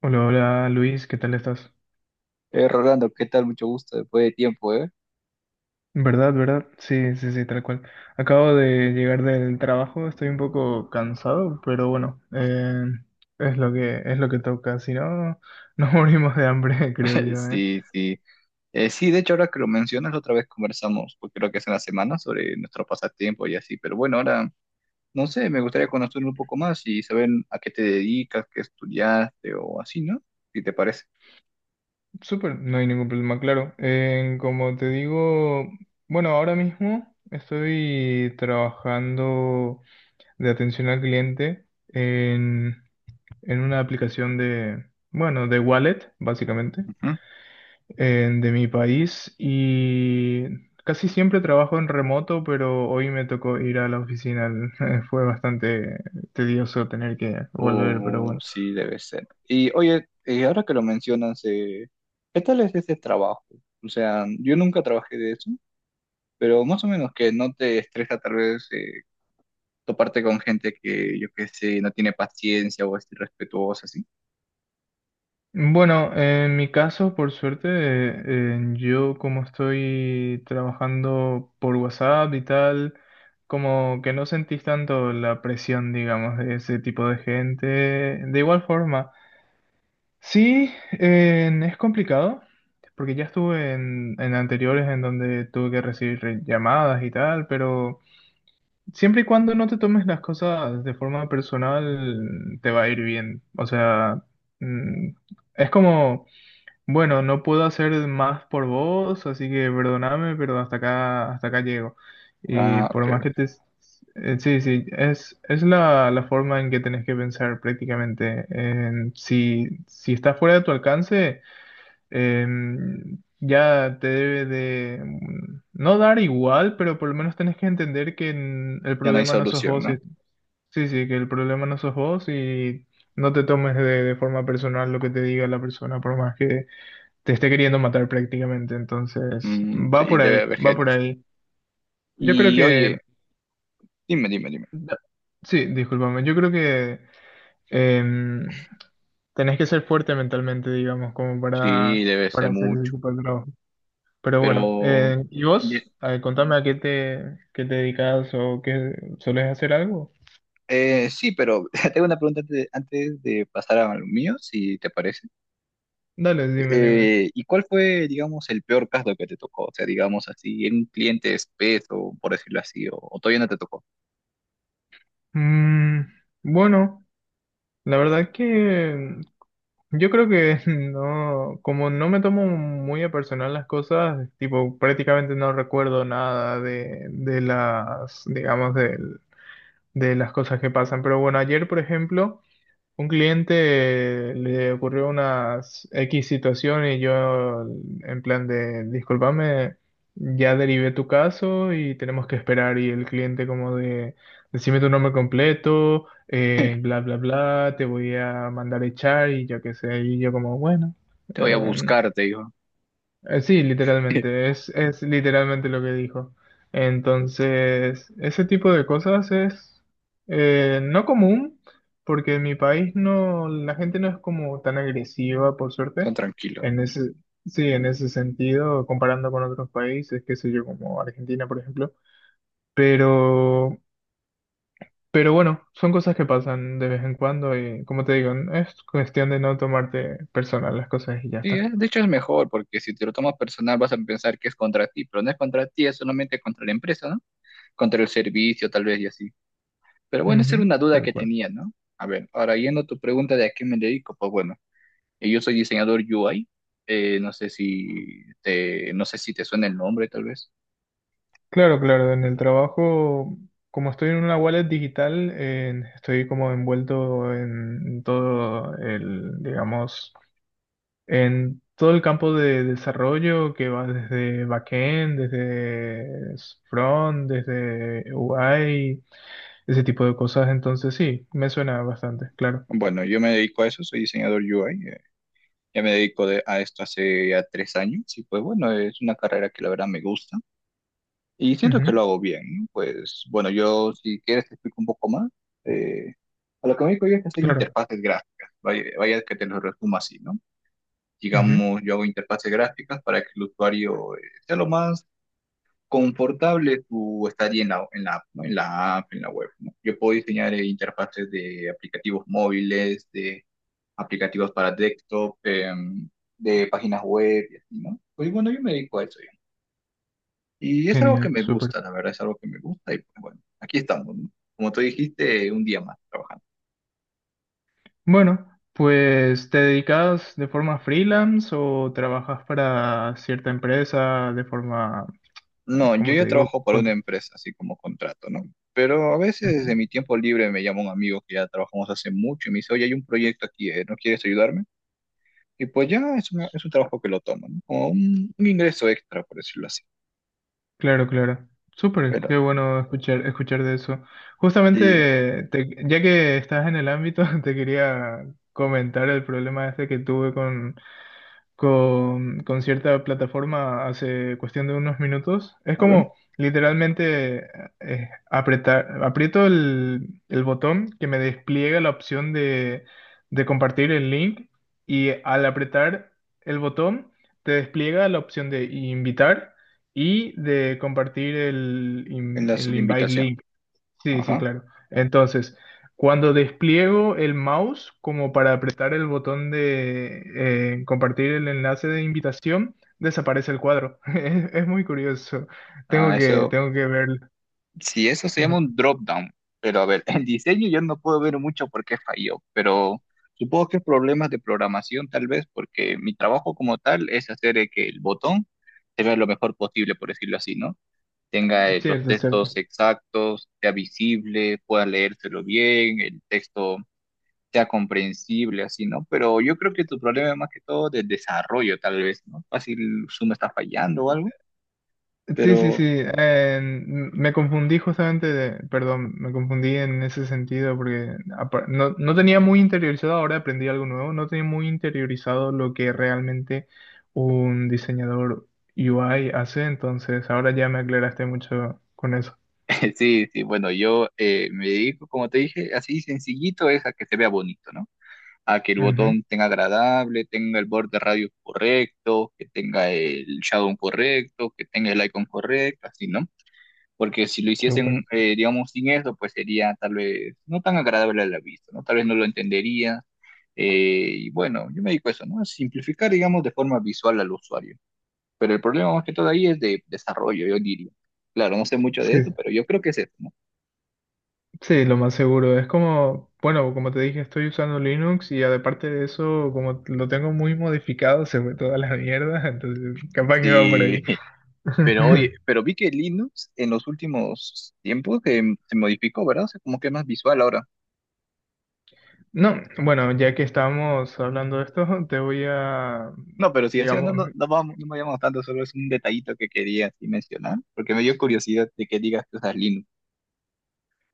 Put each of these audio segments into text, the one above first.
Hola, hola Luis, ¿qué tal estás? Rolando, ¿qué tal? Mucho gusto, después de tiempo, ¿eh? ¿Verdad, verdad? Sí, sí, sí, tal cual. Acabo de llegar del trabajo, estoy un poco cansado, pero bueno, es lo que toca, si no, nos morimos de hambre, creo yo, ¿eh? Sí, sí. Sí, de hecho, ahora que lo mencionas, la otra vez conversamos, pues creo que es en la semana, sobre nuestro pasatiempo y así. Pero bueno, ahora, no sé, me gustaría conocer un poco más y saber a qué te dedicas, qué estudiaste o así, ¿no? Si te parece. Súper, no hay ningún problema, claro. Como te digo, bueno, ahora mismo estoy trabajando de atención al cliente en una aplicación de, bueno, de wallet, básicamente. Ujú. De mi país y casi siempre trabajo en remoto, pero hoy me tocó ir a la oficina. Fue bastante tedioso tener que volver, pero O bueno. sí, debe ser. Y oye, ahora que lo mencionas, ¿qué tal es ese trabajo? O sea, yo nunca trabajé de eso, pero más o menos que no te estresa tal vez toparte con gente que, yo qué sé, no tiene paciencia o es irrespetuosa, así. Bueno, en mi caso, por suerte, yo como estoy trabajando por WhatsApp y tal, como que no sentís tanto la presión, digamos, de ese tipo de gente. De igual forma. Sí, es complicado, porque ya estuve en anteriores en donde tuve que recibir llamadas y tal, pero siempre y cuando no te tomes las cosas de forma personal, te va a ir bien. O sea, mm, es como... Bueno, no puedo hacer más por vos, así que perdoname, pero hasta acá llego. Y Ah, por más ok. que te... sí, sí, es la forma en que tenés que pensar prácticamente. En si, si está fuera de tu alcance, ya te debe de... no dar igual, pero por lo menos tenés que entender que el Ya no hay problema no sos solución, vos. ¿no? Sí, sí, que el problema no sos vos y no te tomes de forma personal lo que te diga la persona, por más que te esté queriendo matar prácticamente. Entonces, Mm, va sí, por ahí, debe haber va gente por así. ahí. Yo creo Y que, oye, dime, dime, dime. sí, discúlpame, yo creo que em, tenés que ser fuerte mentalmente, digamos, como Sí, debe para ser hacer ese mucho, tipo de trabajo. Pero bueno, pero... ¿y ye- vos? A contame a qué te dedicas o qué, ¿solés hacer algo? Sí, pero tengo una pregunta antes de pasar a lo mío, si te parece. Dale, dime, dime. ¿Y cuál fue, digamos, el peor caso que te tocó? O sea, digamos así, en un cliente espeso, por decirlo así, o todavía no te tocó. Mm, bueno, la verdad que yo creo que no, como no me tomo muy a personal las cosas, tipo, prácticamente no recuerdo nada de, de las, digamos, de las cosas que pasan. Pero bueno, ayer, por ejemplo, un cliente le ocurrió unas X situación y yo en plan de, discúlpame, ya derivé tu caso y tenemos que esperar y el cliente como de, decime tu nombre completo, bla, bla, bla, te voy a mandar a echar y yo qué sé, y yo como, bueno, Te voy a eh, buscar, te digo. Sí, literalmente, es literalmente lo que dijo. Entonces, ese tipo de cosas es no común, porque en mi país no, la gente no es como tan agresiva, por Son suerte. tranquilos. En ese, sí, en ese sentido, comparando con otros países, qué sé yo, como Argentina, por ejemplo. Pero, pero bueno, son cosas que pasan de vez en cuando y, como te digo, es cuestión de no tomarte personal las cosas y ya Sí, está. De hecho es mejor, porque si te lo tomas personal vas a pensar que es contra ti, pero no es contra ti, es solamente contra la empresa, ¿no? Contra el servicio, tal vez, y así. Pero bueno, esa era Ujú, una duda tal que cual. tenía, ¿no? A ver, ahora yendo a tu pregunta de a qué me dedico, pues bueno, yo soy diseñador UI, no sé si te suena el nombre, tal vez. Claro, claro, en el trabajo, como estoy en una wallet digital, estoy como envuelto en todo el, digamos, en todo el campo de desarrollo que va desde backend, desde front, desde UI, ese tipo de cosas. Entonces sí, me suena bastante, claro. Bueno, yo me dedico a eso, soy diseñador UI, a esto hace ya 3 años, y pues bueno, es una carrera que la verdad me gusta. Y siento que lo Ujú, hago bien. Pues bueno, yo si quieres te explico un poco más. Eh, a lo que me dedico yo es hacer claro. interfaces gráficas. Vaya que te lo resumo así, ¿no? Ujú, Digamos, yo hago interfaces gráficas para que el usuario sea lo más confortable su estadía en en la app, ¿no? En la app, en la web, ¿no? Yo puedo diseñar interfaces de aplicativos móviles, de aplicativos para desktop, de páginas web y así, ¿no? Pues bueno, yo me dedico a eso. Y es algo que genial, me súper. gusta, la verdad, es algo que me gusta y pues bueno, aquí estamos, ¿no? Como tú dijiste, un día más trabajando. Bueno, pues ¿te dedicas de forma freelance o trabajas para cierta empresa de forma, No, yo como te ya digo, trabajo para una contra? empresa, así como contrato, ¿no? Pero a veces de Ujú. mi tiempo libre me llama un amigo que ya trabajamos hace mucho y me dice, oye, hay un proyecto aquí, ¿eh? ¿No quieres ayudarme? Y pues ya es, es un trabajo que lo tomo, ¿no? Como un ingreso extra, por decirlo así. Claro, claro. Súper, Pero, qué bueno escuchar, escuchar de eso. sí, Justamente, ya que estás en el ámbito, te quería comentar el problema este que tuve con cierta plataforma hace cuestión de unos minutos. Es a ver, como literalmente apretar, aprieto el botón que me despliega la opción de compartir el link y al apretar el botón te despliega la opción de invitar y de compartir enlace el de invite invitación. link. Sí, sí, Ajá. claro. Entonces, cuando despliego el mouse como para apretar el botón de compartir el enlace de invitación, desaparece el cuadro. Es muy curioso. Ah, ese Tengo que verlo. sí, eso se llama un drop down. Pero a ver, el diseño yo no puedo ver mucho por qué falló, pero supongo que es problemas de programación tal vez, porque mi trabajo como tal es hacer que el botón se vea lo mejor posible, por decirlo así, ¿no? Tenga los Cierto, textos cierto. exactos, sea visible, pueda leérselo bien, el texto sea comprensible, así, ¿no? Pero yo creo que tu problema es más que todo de desarrollo, tal vez, ¿no? Fácil Zoom está fallando o algo, Sí, sí, sí. pero... Me confundí justamente de, perdón, me confundí en ese sentido porque no, no tenía muy interiorizado, ahora aprendí algo nuevo, no tenía muy interiorizado lo que realmente un diseñador UI hace, entonces ahora ya me aclaraste mucho con eso. Sí, sí, bueno, yo me dedico, como te dije, así sencillito es a que se vea bonito, ¿no? A que el Ujú, botón tenga agradable, tenga el borde radio correcto, que tenga el shadow correcto, que tenga el icon correcto, así, ¿no? Porque si lo hiciesen, súper. Digamos, sin eso, pues sería tal vez no tan agradable a la vista, ¿no? Tal vez no lo entendería. Y bueno, yo me dedico a eso, ¿no? A simplificar, digamos, de forma visual al usuario. Pero el problema más que todo ahí es de desarrollo, yo diría. Claro, no sé mucho de Sí, eso, pero yo creo que es eso, ¿no? sí, lo más seguro. Es como, bueno, como te dije, estoy usando Linux y aparte de eso, como lo tengo muy modificado, se fue toda la mierda, entonces capaz que va por ahí. Sí, pero oye, pero vi que Linux en los últimos tiempos que se modificó, ¿verdad? O sea, como que es más visual ahora. No, bueno, ya que estamos hablando de esto, te voy a, No, pero si así no, digamos, no, no, vamos, no me llamo tanto, solo es un detallito que quería así mencionar, porque me dio curiosidad de que digas que usas Linux.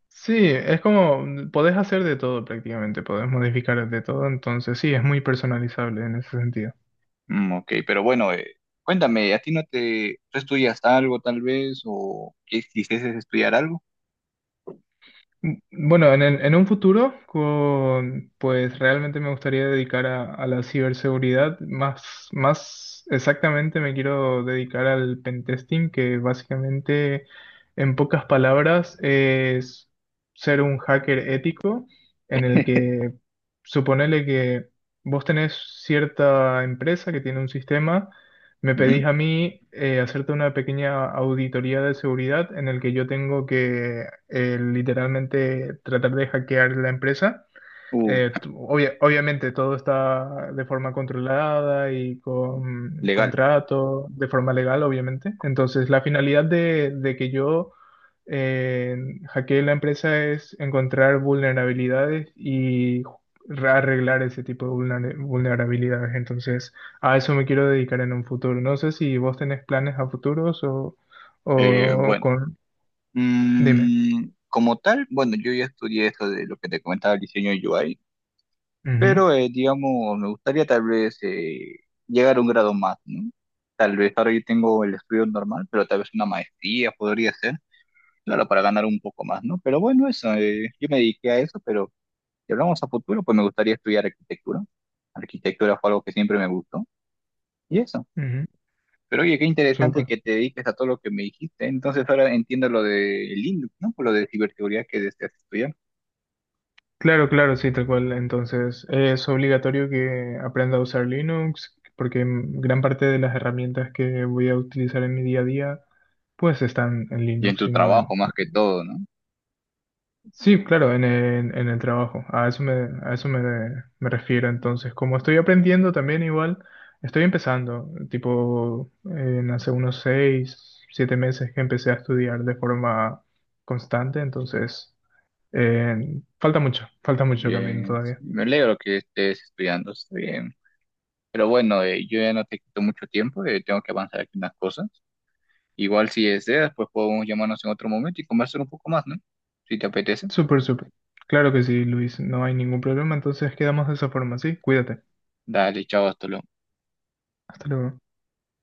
sí, es como, podés hacer de todo prácticamente, podés modificar de todo, entonces sí, es muy personalizable en ese sentido. Mm, ok, pero bueno, cuéntame, ¿a ti no te, ¿tú estudias algo tal vez o quisieses estudiar algo? Bueno, En un futuro, pues realmente me gustaría dedicar a la ciberseguridad. Más, más exactamente me quiero dedicar al pentesting, que básicamente, en pocas palabras, es ser un hacker ético en el que suponele que vos tenés cierta empresa que tiene un sistema. Me Ujú. pedís a mí hacerte una pequeña auditoría de seguridad en el que yo tengo que literalmente tratar de hackear la empresa. Uh, Obviamente todo está de forma controlada y con legal. contrato, de forma legal, obviamente. Entonces, la finalidad de que yo eh, hackee la empresa es encontrar vulnerabilidades y arreglar ese tipo de vulnerabilidades. Entonces, a eso me quiero dedicar en un futuro. No sé si vos tenés planes a futuros o Bueno, con... Dime. mm, como tal, bueno, yo ya estudié esto de lo que te comentaba, el diseño UI. Ujú, Pero, digamos, me gustaría tal vez llegar a un grado más, ¿no? Tal vez ahora yo tengo el estudio normal, pero tal vez una maestría podría ser, claro, para ganar un poco más, ¿no? Pero bueno, eso, yo me dediqué a eso, pero si hablamos a futuro, pues me gustaría estudiar arquitectura. Arquitectura fue algo que siempre me gustó, y eso. ujú, Pero oye, qué interesante súper. que te dediques a todo lo que me dijiste. Entonces ahora entiendo lo de Linux, ¿no? Por lo de ciberseguridad que deseas estudiar. Claro, claro, sí, tal cual. Entonces, es obligatorio que aprenda a usar Linux, porque gran parte de las herramientas que voy a utilizar en mi día a día, pues están en Y en Linux tu y no trabajo en... más que todo, ¿no? Sí, claro, en el trabajo. A eso me, me refiero. Entonces, como estoy aprendiendo también igual, estoy empezando, tipo, en hace unos seis, siete meses que empecé a estudiar de forma constante, entonces, falta mucho camino Bien, todavía. me alegro que estés estudiando, está bien. Pero bueno, yo ya no te quito mucho tiempo, tengo que avanzar aquí unas cosas. Igual si deseas, pues podemos llamarnos en otro momento y conversar un poco más, ¿no? Si te apetece. Súper, súper. Claro que sí, Luis. No hay ningún problema. Entonces quedamos de esa forma, ¿sí? Cuídate. Dale, chao, hasta luego. Hasta luego.